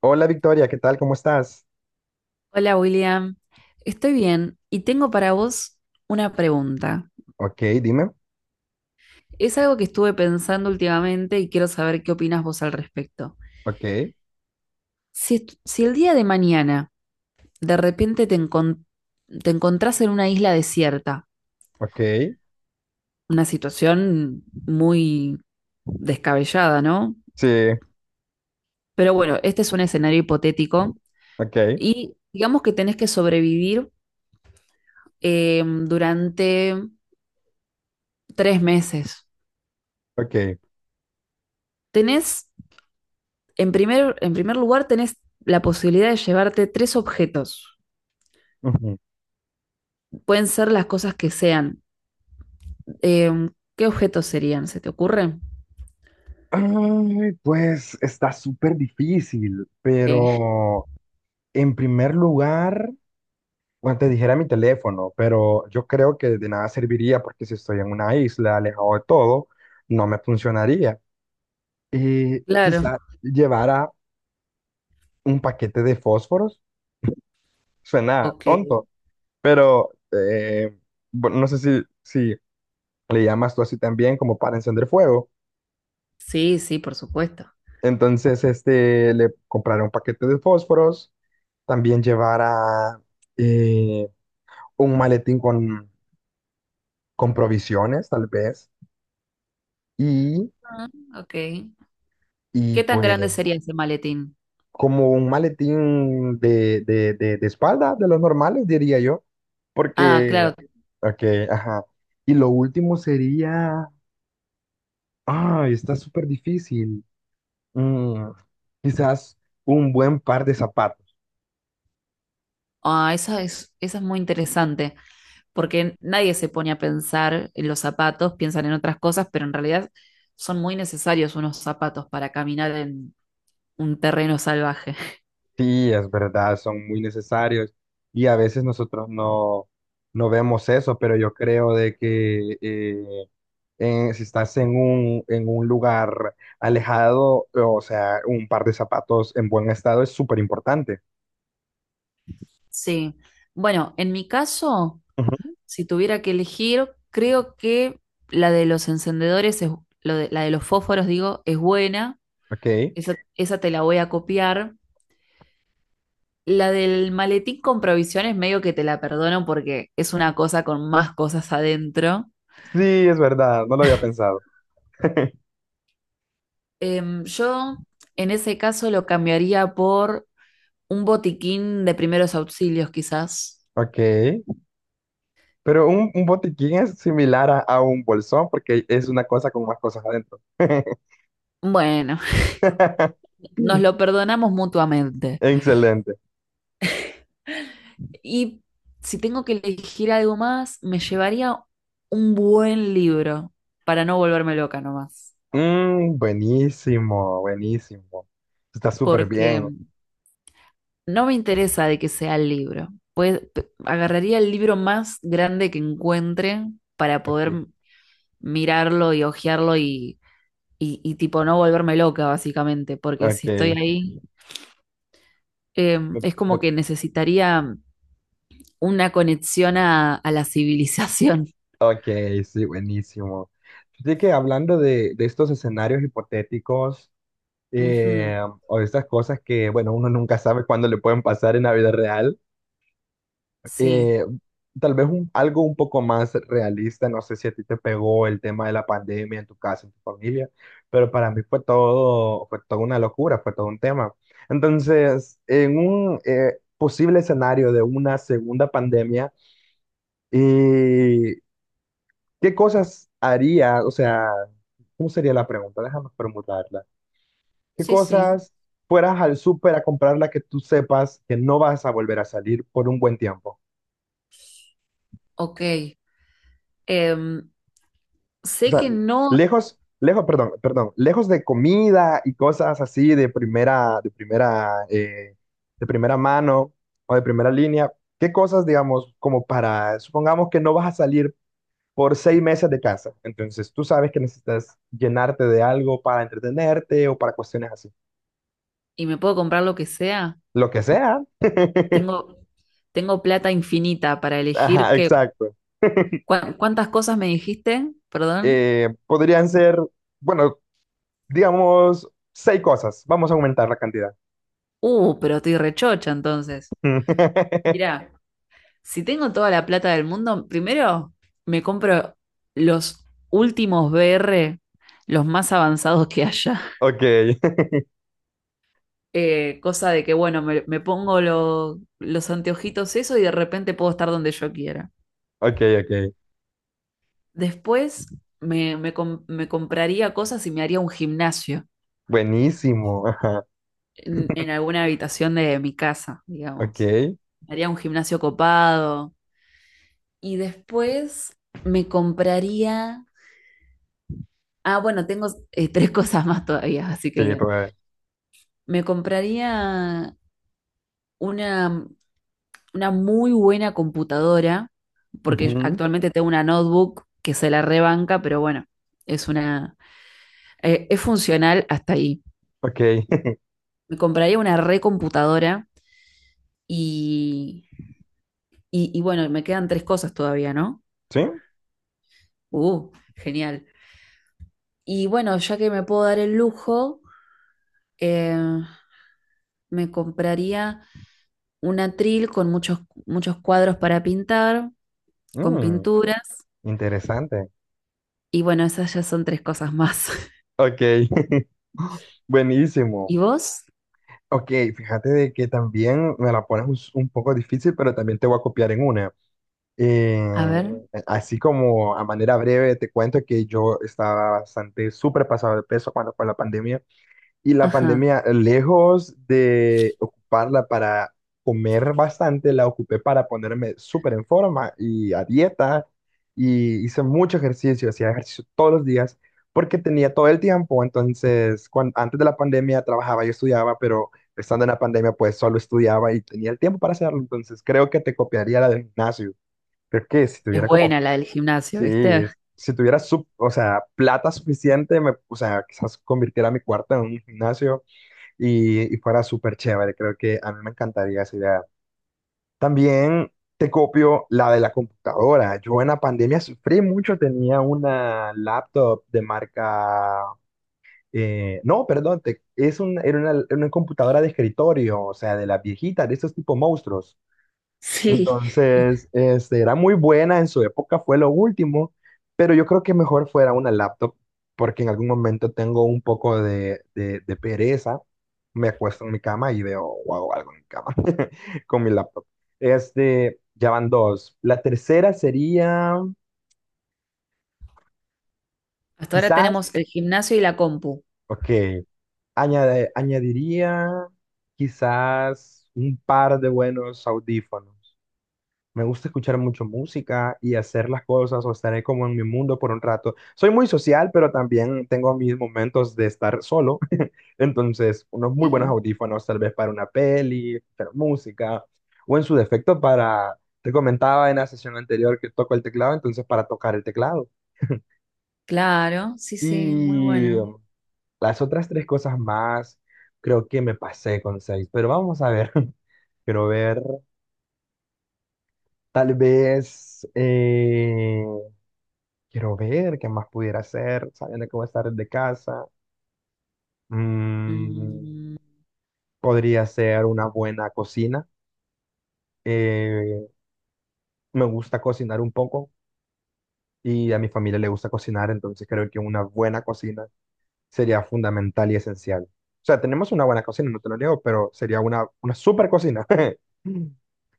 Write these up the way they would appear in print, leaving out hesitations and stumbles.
Hola Victoria, ¿qué tal? ¿Cómo estás? Hola William, estoy bien y tengo para vos una pregunta. Ok, dime. Es algo que estuve pensando últimamente y quiero saber qué opinas vos al respecto. Ok, Si el día de mañana de repente te encontrás en una isla desierta, ok. una situación muy descabellada, ¿no? Sí, Pero bueno, este es un escenario hipotético ok, y digamos que tenés que sobrevivir durante tres meses. ok. Tenés En primer lugar, tenés la posibilidad de llevarte tres objetos. Ujú. Pueden ser las cosas que sean. Eh, ¿Qué objetos serían? ¿Se te ocurre? Ay, pues está súper difícil, Eh, pero en primer lugar, bueno, te dijera mi teléfono, pero yo creo que de nada serviría porque si estoy en una isla, alejado de todo, no me funcionaría. Y claro. quizá llevara un paquete de fósforos. Suena Ok. tonto, pero bueno, no sé si le llamas tú así también como para encender fuego. Sí, sí, por supuesto. Entonces, este, le compraré un paquete de fósforos, también llevará eh, un maletín con provisiones, tal vez, y, Ah, ok. y ¿Qué tan pues grande sería ese maletín? como un maletín de espalda, de los normales, diría yo, Ah, porque, claro. ok, ajá. Y lo último sería, ay, está súper difícil. Mm, quizás un buen par de zapatos. Ah, esa es muy interesante, porque nadie se pone a pensar en los zapatos, piensan en otras cosas, pero en realidad son muy necesarios unos zapatos para caminar en un terreno salvaje. Sí, es verdad, son muy necesarios y a veces nosotros no, no vemos eso, pero yo creo de que si estás en un lugar alejado, o sea, un par de zapatos en buen estado es súper importante. Sí. Bueno, en mi caso, Ujú. si tuviera que elegir, creo que la de los encendedores es, la de los fósforos, digo, es buena. Ok, sí, Esa te la voy a copiar. La del maletín con provisiones, medio que te la perdono porque es una cosa con más cosas adentro. es verdad, no lo había pensado. Yo en ese caso lo cambiaría por un botiquín de primeros auxilios, quizás. Ok, pero un botiquín es similar a un bolsón porque es una cosa con más cosas adentro. Bueno, nos lo perdonamos mutuamente. Excelente. Y si tengo que elegir algo más, me llevaría un buen libro para no volverme loca nomás, Mm, buenísimo, buenísimo. Está súper porque bien. no me interesa de que sea el libro. Pues agarraría el libro más grande que encuentre para poder Ok, mirarlo y hojearlo y tipo no volverme loca básicamente, porque ok. si estoy ahí Me- es como me- que necesitaría una conexión a la civilización. Ok, sí, buenísimo. Así que hablando de estos escenarios hipotéticos Ujú, eh, o de estas cosas que, bueno, uno nunca sabe cuándo le pueden pasar en la vida real, sí, eh, tal vez algo un poco más realista, no sé si a ti te pegó el tema de la pandemia en tu casa, en tu familia, pero para mí fue todo, fue toda una locura, fue todo un tema. Entonces, en un posible escenario de una segunda pandemia, eh, ¿qué cosas haría? O sea, ¿cómo sería la pregunta? Déjame formularla. ¿Qué sí, sí. cosas fueras al súper a comprarla que tú sepas que no vas a volver a salir por un buen tiempo? Ok. Em, O Sé sea, que no, lejos, lejos, perdón, perdón, lejos de comida y cosas así de primera, de primera, de primera mano o de primera línea, ¿qué cosas, digamos, como para, supongamos que no vas a salir por 6 meses de casa, entonces tú sabes que necesitas llenarte de algo para entretenerte o para cuestiones así, y me puedo comprar lo que sea. lo que sea. Tengo, tengo plata infinita para elegir Ajá, que, exacto. ¿cuántas cosas me dijiste? Perdón. Podrían ser, bueno, digamos, 6 cosas. Vamos a aumentar la cantidad. Pero estoy rechocha entonces. Mirá, si tengo toda la plata del mundo, primero me compro los últimos VR, los más avanzados que haya. Ok. Cosa de que, bueno, me pongo los anteojitos, eso, y de repente puedo estar donde yo quiera. Ok, ok. Después me compraría cosas y me haría un gimnasio Buenísimo. Ajá. en alguna habitación de mi casa, Ok. digamos. Sí, Me haría un gimnasio copado. Y después me compraría. Ah, bueno, tengo tres cosas más todavía, así que bien. todavía. Me compraría una, una muy buena computadora, porque Ujú. actualmente tengo una notebook que se la rebanca, pero bueno, es una... es funcional hasta ahí. Ok. Me compraría una recomputadora. Y, y bueno, me quedan tres cosas todavía, ¿no? Sí. Genial. Y bueno, ya que me puedo dar el lujo, eh, me compraría un atril con muchos, muchos cuadros para pintar, con Mm, pinturas. interesante. Y bueno, esas ya son tres cosas más. Ok. Buenísimo. ¿Y vos? Ok, fíjate de que también me la pones un poco difícil, pero también te voy a copiar en una. Eh, A ver, Así como a manera breve te cuento que yo estaba bastante súper pasado de peso cuando fue la pandemia. Y la ajá. pandemia, lejos de ocuparla para comer bastante, la ocupé para ponerme súper en forma y a dieta. Y hice mucho ejercicio, hacía ejercicio todos los días porque tenía todo el tiempo. Entonces, antes de la pandemia trabajaba y estudiaba, pero estando en la pandemia, pues solo estudiaba y tenía el tiempo para hacerlo. Entonces, creo que te copiaría la del gimnasio. Creo que si Es tuviera como, buena la del gimnasio, sí, ¿viste? si tuviera, o sea, plata suficiente, me, o sea, quizás convirtiera mi cuarto en un gimnasio y fuera súper chévere. Creo que a mí me encantaría esa idea. También te copio la de la computadora. Yo en la pandemia sufrí mucho, tenía una laptop de marca... no, perdón, es un, era una computadora de escritorio, o sea, de las viejitas, de esos tipo monstruos. Sí. Entonces, este, era muy buena, en su época fue lo último, pero yo creo que mejor fuera una laptop, porque en algún momento tengo un poco de pereza, me acuesto en mi cama y veo o hago algo en mi cama con mi laptop. Este, ya van dos. La tercera sería, Hasta ahora quizás, tenemos el gimnasio y la compu. ok, añadiría quizás un par de buenos audífonos. Me gusta escuchar mucho música y hacer las cosas o estaré como en mi mundo por un rato. Soy muy social, pero también tengo mis momentos de estar solo. Entonces, unos muy buenos Sí. audífonos, tal vez para una peli, escuchar música, o en su defecto para, te comentaba en la sesión anterior que toco el teclado, entonces para tocar el teclado. Claro, sí, sí, muy Y bueno. Las otras tres cosas más, creo que me pasé con seis, pero vamos a ver. Quiero ver, tal vez, quiero ver qué más pudiera hacer, sabiendo que voy a estar desde casa. Mm, Mm, podría ser una buena cocina. Eh, me gusta cocinar un poco y a mi familia le gusta cocinar, entonces creo que una buena cocina sería fundamental y esencial. O sea, tenemos una buena cocina, no te lo niego, pero sería una super cocina.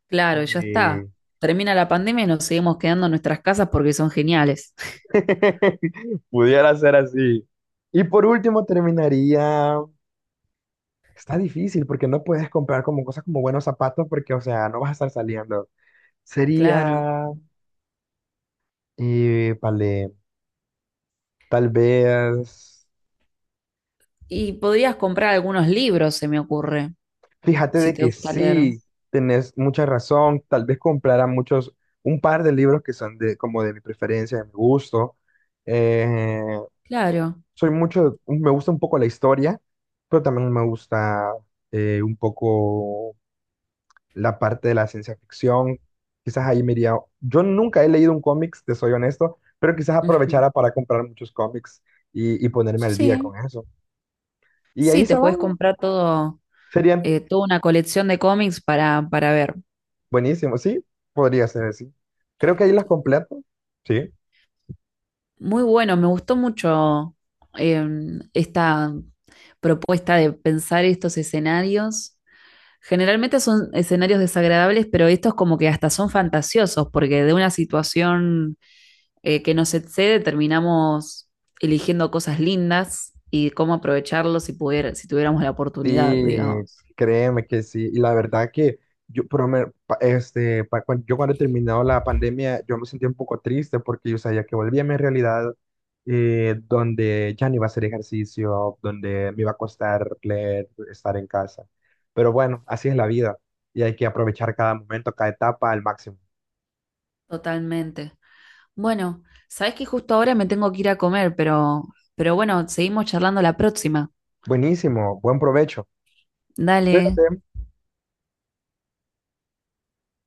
claro, y ya está. Eh, Termina la pandemia y nos seguimos quedando en nuestras casas porque son geniales. pudiera ser así. Y por último terminaría. Está difícil porque no puedes comprar como cosas como buenos zapatos porque, o sea, no vas a estar saliendo. Claro. Sería, vale, tal vez, Y podrías comprar algunos libros, se me ocurre, fíjate si de te que gusta leer. sí, tenés mucha razón, tal vez comprara muchos, un par de libros que son de, como de mi preferencia, de mi gusto. Eh, Claro. soy mucho, me gusta un poco la historia, pero también me gusta un poco la parte de la ciencia ficción. Quizás ahí me iría. Yo nunca he leído un cómics, te soy honesto, pero quizás Ujú. aprovechara para comprar muchos cómics y ponerme al día Sí, con eso. Y ahí sí, te se van, puedes comprar todo, serían toda una colección de cómics para ver. buenísimos, sí, podría ser así. Creo que ahí las completo, sí. Muy bueno, me gustó mucho eh, esta propuesta de pensar estos escenarios. Generalmente son escenarios desagradables, pero estos como que hasta son fantasiosos, porque de una situación que nos excede, terminamos eligiendo cosas lindas y cómo aprovecharlo si pudiera, si tuviéramos la oportunidad, Sí, digamos. créeme que sí. Y la verdad que yo, pero este, yo cuando he terminado la pandemia, yo me sentí un poco triste porque yo sabía que volvía a mi realidad donde ya no iba a hacer ejercicio, donde me iba a costar leer, estar en casa. Pero bueno, así es la vida y hay que aprovechar cada momento, cada etapa al máximo. Totalmente. Bueno, sabes que justo ahora me tengo que ir a comer, pero, bueno, seguimos charlando la próxima. Buenísimo, buen provecho. Dale. Cuídate.